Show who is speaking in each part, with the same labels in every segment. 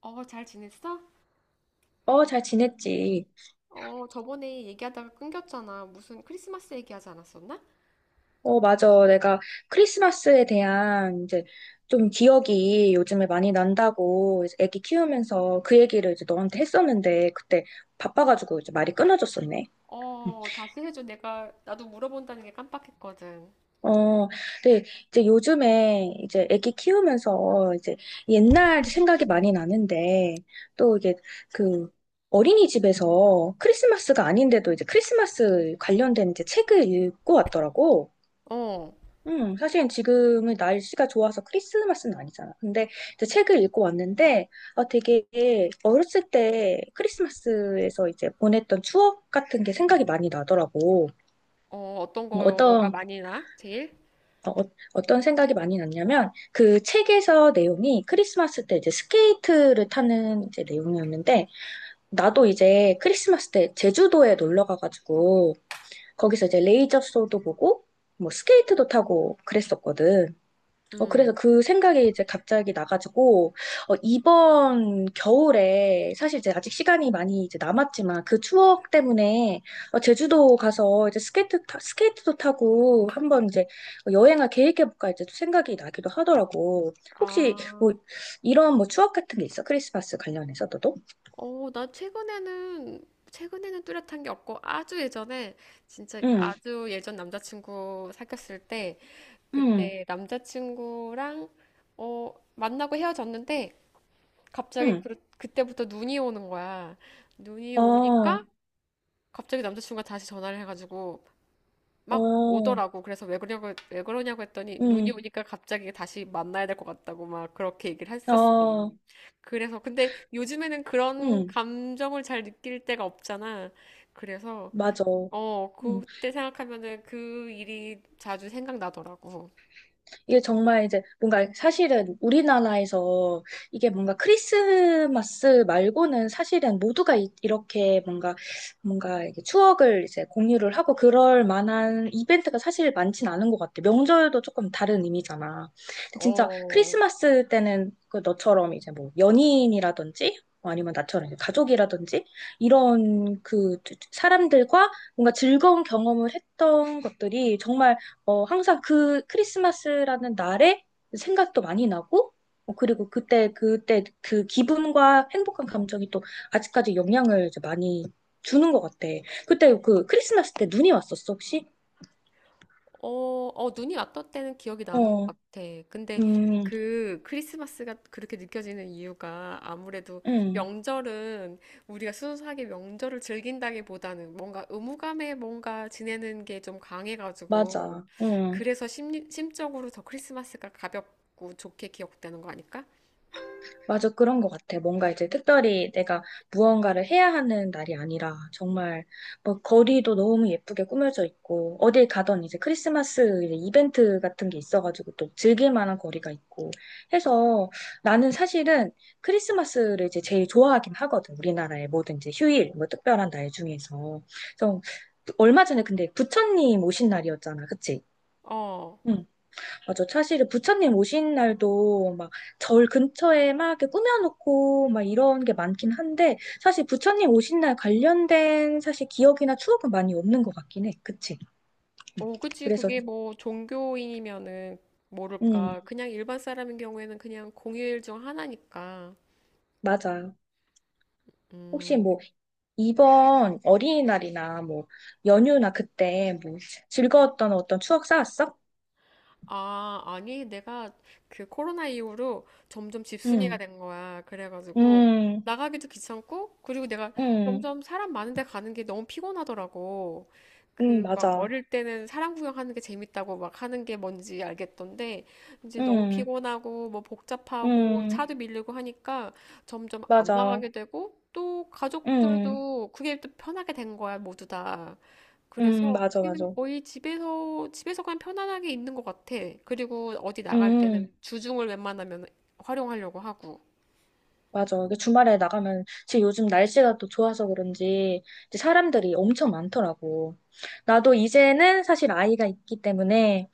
Speaker 1: 잘 지냈어?
Speaker 2: 어, 잘 지냈지.
Speaker 1: 저번에 얘기하다가 끊겼잖아. 무슨 크리스마스 얘기하지 않았었나?
Speaker 2: 어, 맞아. 내가 크리스마스에 대한 이제 좀 기억이 요즘에 많이 난다고 이제 애기 키우면서 그 얘기를 이제 너한테 했었는데 그때 바빠가지고 이제 말이 끊어졌었네.
Speaker 1: 다시 해줘. 나도 물어본다는 게 깜빡했거든.
Speaker 2: 어, 근데 이제 요즘에 이제 애기 키우면서 이제 옛날 생각이 많이 나는데 또 이게 그 어린이집에서 크리스마스가 아닌데도 이제 크리스마스 관련된 이제 책을 읽고 왔더라고.
Speaker 1: 어,
Speaker 2: 사실 지금은 날씨가 좋아서 크리스마스는 아니잖아. 근데 이제 책을 읽고 왔는데, 아, 되게 어렸을 때 크리스마스에서 이제 보냈던 추억 같은 게 생각이 많이 나더라고.
Speaker 1: 어, 어떤 거가
Speaker 2: 어떤,
Speaker 1: 많이 나? 제일?
Speaker 2: 어떤 생각이 많이 났냐면, 그 책에서 내용이 크리스마스 때 이제 스케이트를 타는 이제 내용이었는데, 나도 이제 크리스마스 때 제주도에 놀러 가가지고, 거기서 이제 레이저 쇼도 보고, 뭐 스케이트도 타고 그랬었거든. 그래서
Speaker 1: 음.
Speaker 2: 그 생각이 이제 갑자기 나가지고, 이번 겨울에, 사실 이제 아직 시간이 많이 이제 남았지만, 그 추억 때문에, 제주도 가서 이제 스케이트도 타고, 한번 이제 여행을 계획해볼까 이제 또 생각이 나기도 하더라고. 혹시
Speaker 1: 아,
Speaker 2: 뭐, 이런 뭐 추억 같은 게 있어? 크리스마스 관련해서 너도?
Speaker 1: 나 최근에는 뚜렷한 게 없고, 아주 예전에, 진짜
Speaker 2: 응,
Speaker 1: 아주 예전 남자친구 사귀었을 때,
Speaker 2: 응,
Speaker 1: 그때 남자친구랑, 만나고 헤어졌는데, 갑자기
Speaker 2: 응.
Speaker 1: 그때부터 눈이 오는 거야. 눈이
Speaker 2: 어,
Speaker 1: 오니까 갑자기 남자친구가 다시 전화를 해가지고 막
Speaker 2: 어,
Speaker 1: 오더라고. 그래서 왜 그러냐고, 왜 그러냐고 했더니 눈이
Speaker 2: 응,
Speaker 1: 오니까 갑자기 다시 만나야 될 것 같다고 막 그렇게 얘기를 했었어.
Speaker 2: 어,
Speaker 1: 그래서 근데 요즘에는 그런
Speaker 2: 응,
Speaker 1: 감정을 잘 느낄 때가 없잖아. 그래서
Speaker 2: 맞아. 응.
Speaker 1: 그때 생각하면은 그 일이 자주 생각나더라고.
Speaker 2: 이게 정말 이제 뭔가 사실은 우리나라에서 이게 뭔가 크리스마스 말고는 사실은 모두가 이, 렇게 뭔가 이렇게 추억을 이제 공유를 하고 그럴 만한 이벤트가 사실 많진 않은 것 같아. 명절도 조금 다른 의미잖아. 근데 진짜
Speaker 1: 어,
Speaker 2: 크리스마스 때는 그 너처럼 이제 뭐 연인이라든지 뭐 아니면 나처럼 이제 가족이라든지 이런 그 사람들과 뭔가 즐거운 경험을 했던 것들이 정말 항상 그 크리스마스라는 날에 생각도 많이 나고, 그리고 그때 그 기분과 행복한 감정이 또 아직까지 영향을 이제 많이 주는 것 같아. 그때 그 크리스마스 때 눈이 왔었어, 혹시?
Speaker 1: 어, 눈이 왔던 때는 기억이 나는 것
Speaker 2: 어,
Speaker 1: 같아. 근데
Speaker 2: 음,
Speaker 1: 그 크리스마스가 그렇게 느껴지는 이유가 아무래도
Speaker 2: 음,
Speaker 1: 명절은 우리가 순수하게 명절을 즐긴다기보다는 뭔가 의무감에 뭔가 지내는 게 좀 강해가지고
Speaker 2: 맞아. 음.
Speaker 1: 그래서 심적으로 더 크리스마스가 가볍고 좋게 기억되는 거 아닐까?
Speaker 2: 맞아, 그런 것 같아. 뭔가 이제 특별히 내가 무언가를 해야 하는 날이 아니라 정말 뭐 거리도 너무 예쁘게 꾸며져 있고 어딜 가던 이제 크리스마스 이제 이벤트 같은 게 있어가지고 또 즐길 만한 거리가 있고 해서 나는 사실은 크리스마스를 이제 제일 좋아하긴 하거든. 우리나라의 모든 이제 휴일, 뭐 특별한 날 중에서. 좀 얼마 전에 근데 부처님 오신 날이었잖아. 그치?
Speaker 1: 어,
Speaker 2: 응. 맞아. 사실은 부처님 오신 날도 막 절 근처에 막 이렇게 꾸며놓고 막 이런 게 많긴 한데 사실 부처님 오신 날 관련된 사실 기억이나 추억은 많이 없는 것 같긴 해. 그치?
Speaker 1: 어, 그치.
Speaker 2: 그래서,
Speaker 1: 그게 뭐 종교인이면은
Speaker 2: 음,
Speaker 1: 모를까. 그냥 일반 사람인 경우에는 그냥 공휴일 중 하나니까.
Speaker 2: 맞아. 혹시 뭐
Speaker 1: 음.
Speaker 2: 이번 어린이날이나 뭐 연휴나 그때 뭐 즐거웠던 어떤 추억 쌓았어?
Speaker 1: 아, 아니, 내가 그 코로나 이후로 점점 집순이가
Speaker 2: 응,
Speaker 1: 된 거야. 그래가지고
Speaker 2: 응,
Speaker 1: 나가기도 귀찮고, 그리고 내가
Speaker 2: 응,
Speaker 1: 점점 사람 많은 데 가는 게 너무 피곤하더라고.
Speaker 2: 응,
Speaker 1: 그 막
Speaker 2: 맞아.
Speaker 1: 어릴 때는 사람 구경하는 게 재밌다고 막 하는 게 뭔지 알겠던데, 이제 너무
Speaker 2: 응,
Speaker 1: 피곤하고, 뭐 복잡하고,
Speaker 2: 응,
Speaker 1: 차도 밀리고 하니까 점점 안
Speaker 2: 맞아.
Speaker 1: 나가게 되고, 또
Speaker 2: 응,
Speaker 1: 가족들도 그게 또 편하게 된 거야, 모두 다.
Speaker 2: 응,
Speaker 1: 그래서
Speaker 2: 맞아,
Speaker 1: 우리는
Speaker 2: 맞아.
Speaker 1: 거의 집에서 그냥 편안하게 있는 것 같아. 그리고 어디 나갈
Speaker 2: 응.
Speaker 1: 때는 주중을 웬만하면 활용하려고 하고.
Speaker 2: 맞아. 이게 주말에 나가면, 지금 요즘 날씨가 또 좋아서 그런지, 이제 사람들이 엄청 많더라고. 나도 이제는 사실 아이가 있기 때문에,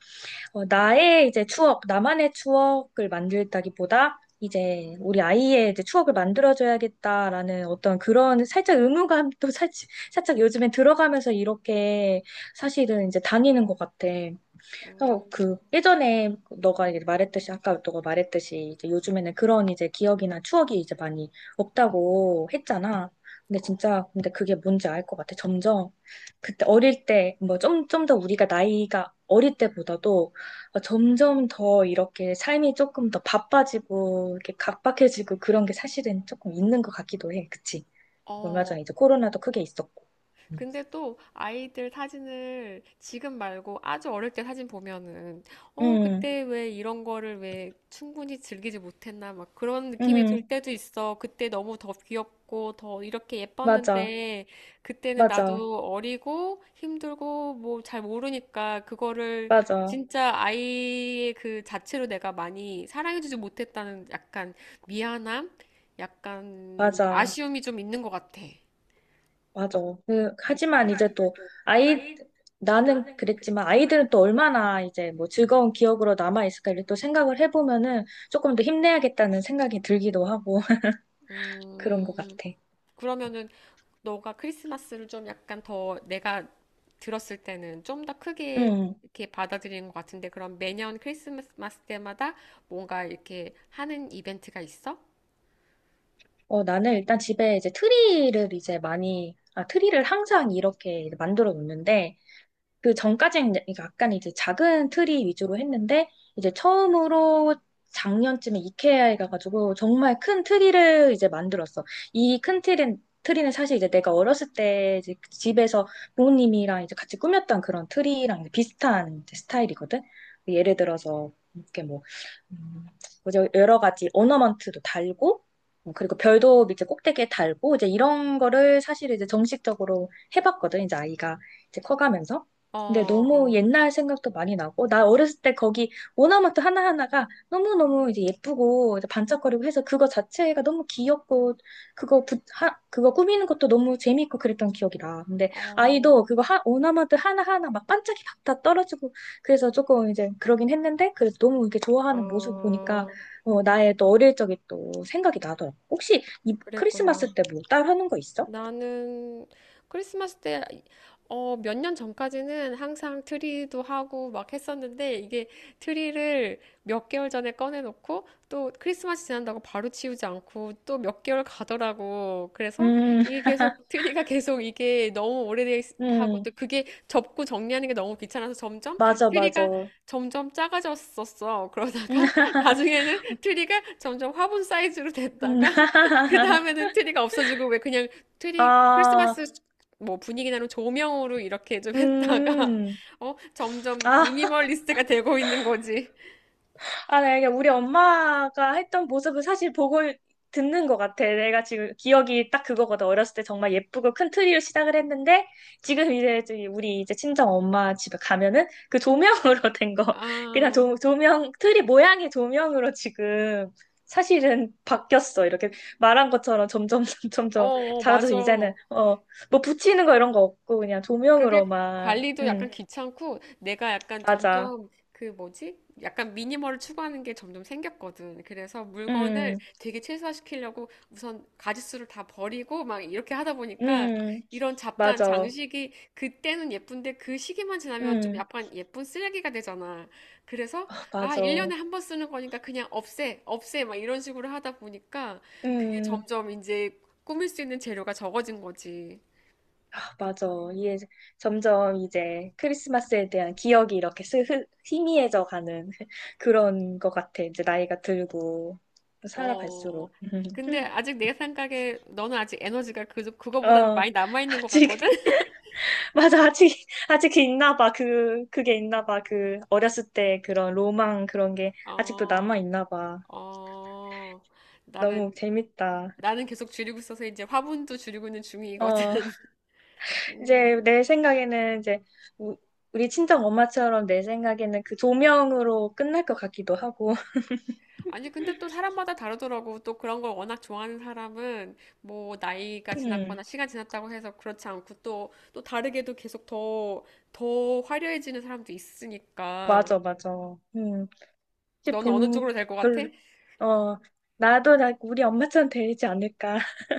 Speaker 2: 나의 이제 추억, 나만의 추억을 만들다기보다, 이제 우리 아이의 이제 추억을 만들어줘야겠다라는 어떤 그런 살짝 의무감도 살짝 요즘에 들어가면서 이렇게 사실은 이제 다니는 것 같아. 그
Speaker 1: 음,
Speaker 2: 예전에 너가 이제 말했듯이 아까 너가 말했듯이 이제 요즘에는 그런 이제 기억이나 추억이 이제 많이 없다고 했잖아. 근데
Speaker 1: 어,
Speaker 2: 진짜 근데 그게 뭔지 알 것 같아. 점점 그때 어릴 때 뭐 좀 더 우리가 나이가 어릴 때보다도 점점 더 이렇게 삶이 조금 더 바빠지고 이렇게 각박해지고 그런 게 사실은 조금 있는 것 같기도 해. 그치? 얼마
Speaker 1: 어,
Speaker 2: 전에 이제 코로나도 크게 있었고.
Speaker 1: 근데 또 아이들 사진을 지금 말고 아주 어릴 때 사진 보면은 어
Speaker 2: 응,
Speaker 1: 그때 왜 이런 거를 왜 충분히 즐기지 못했나 막 그런 느낌이 들
Speaker 2: 응,
Speaker 1: 때도 있어. 그때 너무 더 귀엽고 더 이렇게
Speaker 2: 맞아,
Speaker 1: 예뻤는데 그때는
Speaker 2: 맞아,
Speaker 1: 나도 어리고 힘들고 뭐 잘 모르니까 그거를
Speaker 2: 맞아,
Speaker 1: 진짜 아이의 그 자체로 내가 많이 사랑해주지 못했다는 약간 미안함, 약간
Speaker 2: 맞아.
Speaker 1: 아쉬움이 좀 있는 것 같아.
Speaker 2: 맞아. 하지만
Speaker 1: 하지만
Speaker 2: 이제
Speaker 1: 이제
Speaker 2: 또,
Speaker 1: 또
Speaker 2: 아이,
Speaker 1: 아이
Speaker 2: 나는
Speaker 1: 나는
Speaker 2: 그랬지만
Speaker 1: 그랬지만 아이가은이
Speaker 2: 아이들은 또 얼마나 이제 뭐 즐거운 기억으로 남아있을까 이렇게 또 생각을 해보면은 조금 더 힘내야겠다는 생각이 들기도 하고 그런 것
Speaker 1: 음,
Speaker 2: 같아.
Speaker 1: 그러면은 너가 크리스마스를 좀 약간 더 내가 들었을 때는 좀 더 크게
Speaker 2: 음,
Speaker 1: 이렇게 받아들이는 것 같은데 그럼 매년 크리스마스 때마다 뭔가 이렇게 하는 이벤트가 있어?
Speaker 2: 나는 일단 집에 이제 트리를 이제 많이, 아, 트리를 항상 이렇게 만들어 놓는데 그 전까지는 이제 그러니까 약간 이제 작은 트리 위주로 했는데 이제 처음으로 작년쯤에 이케아에 가가지고 정말 큰 트리를 이제 만들었어. 이 큰 트리는 사실 이제 내가 어렸을 때 이제 그 집에서 부모님이랑 이제 같이 꾸몄던 그런 트리랑 이제 비슷한 이제 스타일이거든. 예를 들어서 이렇게 뭐 음, 뭐죠? 여러 가지 오너먼트도 달고 그리고 별도 이제 꼭대기에 달고 이제 이런 거를 사실 이제 정식적으로 해봤거든. 이제 아이가 이제 커가면서.
Speaker 1: 어,
Speaker 2: 근데 너무
Speaker 1: 어,
Speaker 2: 옛날 생각도 많이 나고, 나 어렸을 때 거기 오나마트 하나하나가 너무너무 이제 예쁘고, 이제 반짝거리고 해서 그거 자체가 너무 귀엽고, 그거 꾸미는 것도 너무 재밌고 그랬던 기억이라. 근데 아이도
Speaker 1: 어,
Speaker 2: 그거 오나마트 하나하나 막 반짝이 막 다 떨어지고, 그래서 조금 이제 그러긴 했는데, 그래도 너무 이렇게 좋아하는 모습 보니까,
Speaker 1: 어,
Speaker 2: 나의 또 어릴 적이 또 생각이 나더라고. 혹시 이
Speaker 1: 그랬구나.
Speaker 2: 크리스마스 때 뭐 따로 하는 거 있어?
Speaker 1: 나는 크리스마스 때, 몇 년 전까지는 항상 트리도 하고 막 했었는데, 이게 트리를 몇 개월 전에 꺼내놓고, 또 크리스마스 지난다고 바로 치우지 않고, 또 몇 개월 가더라고. 그래서
Speaker 2: 음,
Speaker 1: 이게 계속, 트리가 계속 이게 너무 오래하고,
Speaker 2: 음,
Speaker 1: 또 그게 접고 정리하는 게 너무 귀찮아서 점점
Speaker 2: 맞아,
Speaker 1: 트리가
Speaker 2: 맞아.
Speaker 1: 점점 작아졌었어. 그러다가 나중에는 트리가 점점 화분 사이즈로
Speaker 2: 음,
Speaker 1: 됐다가, 그 다음에는 트리가 없어지고 왜 그냥 트리
Speaker 2: 아,
Speaker 1: 크리스마스 뭐 분위기 나는 조명으로 이렇게 좀 했다가
Speaker 2: 음,
Speaker 1: 어 점점
Speaker 2: 아,
Speaker 1: 미니멀리스트가 되고 있는 거지.
Speaker 2: 네, 이게 우리 엄마가 했던 모습을 사실 보고 듣는 것 같아. 내가 지금 기억이 딱 그거거든. 어렸을 때 정말 예쁘고 큰 트리로 시작을 했는데, 지금 이제 저기 우리 이제 친정 엄마 집에 가면은 그 조명으로 된 거, 그냥
Speaker 1: 아,
Speaker 2: 조명, 트리 모양의 조명으로 지금 사실은 바뀌었어. 이렇게 말한 것처럼 점점,
Speaker 1: 어,
Speaker 2: 점점
Speaker 1: 어,
Speaker 2: 작아져서
Speaker 1: 맞아.
Speaker 2: 이제는, 뭐 붙이는 거 이런 거 없고, 그냥
Speaker 1: 그게
Speaker 2: 조명으로만,
Speaker 1: 관리도 약간 귀찮고 내가 약간
Speaker 2: 맞아.
Speaker 1: 점점 그 뭐지? 약간 미니멀을 추구하는 게 점점 생겼거든. 그래서 물건을
Speaker 2: 음,
Speaker 1: 되게 최소화시키려고 우선 가짓수를 다 버리고 막 이렇게 하다 보니까
Speaker 2: 음,
Speaker 1: 이런 잡다한
Speaker 2: 맞아.
Speaker 1: 장식이 그때는 예쁜데 그 시기만 지나면 좀
Speaker 2: 음,
Speaker 1: 약간 예쁜 쓰레기가 되잖아. 그래서
Speaker 2: 아,
Speaker 1: 아,
Speaker 2: 맞아.
Speaker 1: 1년에 한 번 쓰는 거니까 그냥 없애, 없애 막 이런 식으로 하다 보니까 그게
Speaker 2: 음,
Speaker 1: 점점 이제 꾸밀 수 있는 재료가 적어진 거지.
Speaker 2: 아, 맞아. 이게 점점 이제 크리스마스에 대한 기억이 이렇게 희미해져 가는 그런 것 같아. 이제 나이가 들고
Speaker 1: 어,
Speaker 2: 살아갈수록. 음.
Speaker 1: 근데 아직 내 생각에 너는 아직 에너지가 그거보다는
Speaker 2: 어,
Speaker 1: 많이 남아있는 것
Speaker 2: 아직,
Speaker 1: 같거든?
Speaker 2: 맞아. 아직 있나 봐. 그게 있나 봐. 그 어렸을 때 그런 로망 그런 게 아직도
Speaker 1: 어,
Speaker 2: 남아 있나 봐.
Speaker 1: 어, 나는,
Speaker 2: 너무 재밌다.
Speaker 1: 나는 계속 줄이고 있어서 이제 화분도 줄이고 있는 중이거든.
Speaker 2: 어. 이제
Speaker 1: 음,
Speaker 2: 내 생각에는 이제 우- 우리 친정 엄마처럼 내 생각에는 그 조명으로 끝날 것 같기도 하고.
Speaker 1: 아니, 근데 또 사람마다 다르더라고. 또 그런 걸 워낙 좋아하는 사람은 뭐 나이가
Speaker 2: 음,
Speaker 1: 지났거나 시간 지났다고 해서 그렇지 않고 또 다르게도 더 화려해지는 사람도 있으니까.
Speaker 2: 맞아, 맞아. 음, 이제
Speaker 1: 너는 어느 쪽으로 될 것 같아?
Speaker 2: 별, 어, 나도 나 우리 엄마처럼 되지 않을까.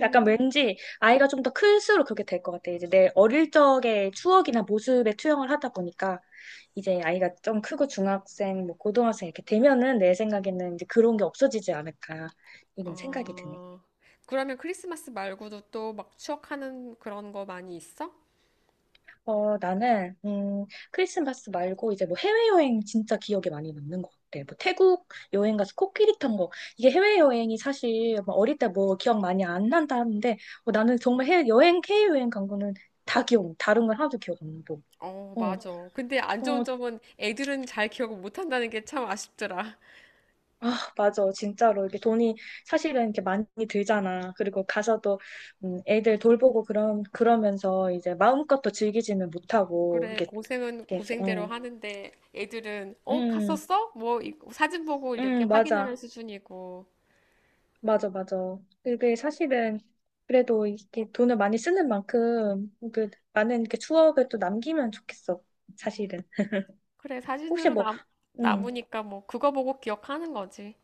Speaker 2: 약간 왠지 아이가 좀 더 클수록 그렇게 될 것 같아. 이제 내 어릴 적의 추억이나 모습에 투영을 하다 보니까 이제 아이가 좀 크고 중학생, 뭐 고등학생 이렇게 되면은 내 생각에는 이제 그런 게 없어지지 않을까. 이런 생각이 드네.
Speaker 1: 어, 그러면 크리스마스 말고도 또 막 추억하는 그런 거 많이 있어?
Speaker 2: 나는, 크리스마스 말고 이제 뭐 해외여행 진짜 기억에 많이 남는 것 같아. 뭐 태국 여행 가서 코끼리 탄 거. 이게 해외여행이 사실 뭐 어릴 때 뭐 기억 많이 안 난다 하는데, 나는 정말 해외여행 간 거는 다른 건 하나도 기억 안 나고.
Speaker 1: 어,
Speaker 2: 어,
Speaker 1: 맞아. 근데 안 좋은
Speaker 2: 어,
Speaker 1: 점은 애들은 잘 기억을 못 한다는 게 참 아쉽더라.
Speaker 2: 맞아. 진짜로. 이게 돈이 사실은 이렇게 많이 들잖아. 그리고 가서도, 애들 돌보고 그런, 그러면서 이제 마음껏 또 즐기지는 못하고,
Speaker 1: 그래,
Speaker 2: 이렇게,
Speaker 1: 고생은 고생대로
Speaker 2: 어,
Speaker 1: 하는데 애들은, 어,
Speaker 2: 음,
Speaker 1: 갔었어? 뭐, 이- 사진 보고 이렇게 확인하는
Speaker 2: 맞아.
Speaker 1: 수준이고.
Speaker 2: 맞아, 맞아. 그게 사실은 그래도 이렇게 돈을 많이 쓰는 만큼 그 많은 이렇게 추억을 또 남기면 좋겠어. 사실은.
Speaker 1: 그래,
Speaker 2: 혹시 뭐, 음,
Speaker 1: 남으니까 뭐, 그거 보고 기억하는 거지.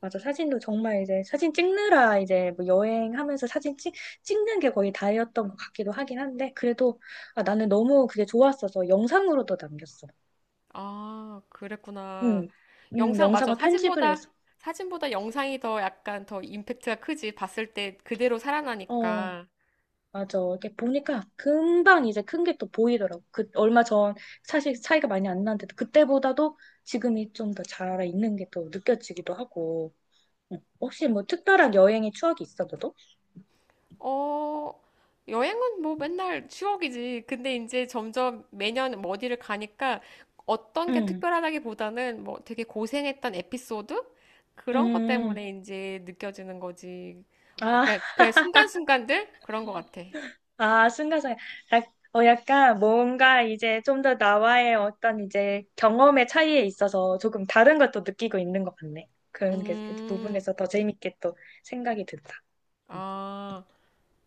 Speaker 2: 맞아. 사진도 정말 이제 사진 찍느라 이제 뭐 여행하면서 찍는 게 거의 다였던 것 같기도 하긴 한데 그래도 아, 나는 너무 그게 좋았어서 영상으로도 남겼어.
Speaker 1: 아, 그랬구나.
Speaker 2: 음,
Speaker 1: 영상, 맞아.
Speaker 2: 영상을 편집을 해서.
Speaker 1: 사진보다 영상이 더 약간 더 임팩트가 크지. 봤을 때 그대로
Speaker 2: 어.
Speaker 1: 살아나니까.
Speaker 2: 맞아. 이렇게 보니까 금방 이제 큰 게 또 보이더라고. 그 얼마 전 사실 차이가 많이 안 나는데도 그때보다도 지금이 좀 더 잘 있는 게 또 느껴지기도 하고. 응. 혹시 뭐 특별한 여행의 추억이 있어, 너도?
Speaker 1: 어, 여행은 뭐 맨날 추억이지. 근데 이제 점점 매년 뭐 어디를 가니까 어떤 게
Speaker 2: 응.
Speaker 1: 특별하다기보다는 뭐 되게 고생했던 에피소드? 그런 것
Speaker 2: 음.
Speaker 1: 때문에 이제 느껴지는 거지. 어,
Speaker 2: 아,
Speaker 1: 그냥 순간순간들? 그런 것 같아.
Speaker 2: 아, 순간순간. 약간 뭔가 이제 좀 더 나와의 어떤 이제 경험의 차이에 있어서 조금 다른 것도 느끼고 있는 것 같네. 그런 게, 그
Speaker 1: 음,
Speaker 2: 부분에서 더 재밌게 또 생각이 든다. 응.
Speaker 1: 아.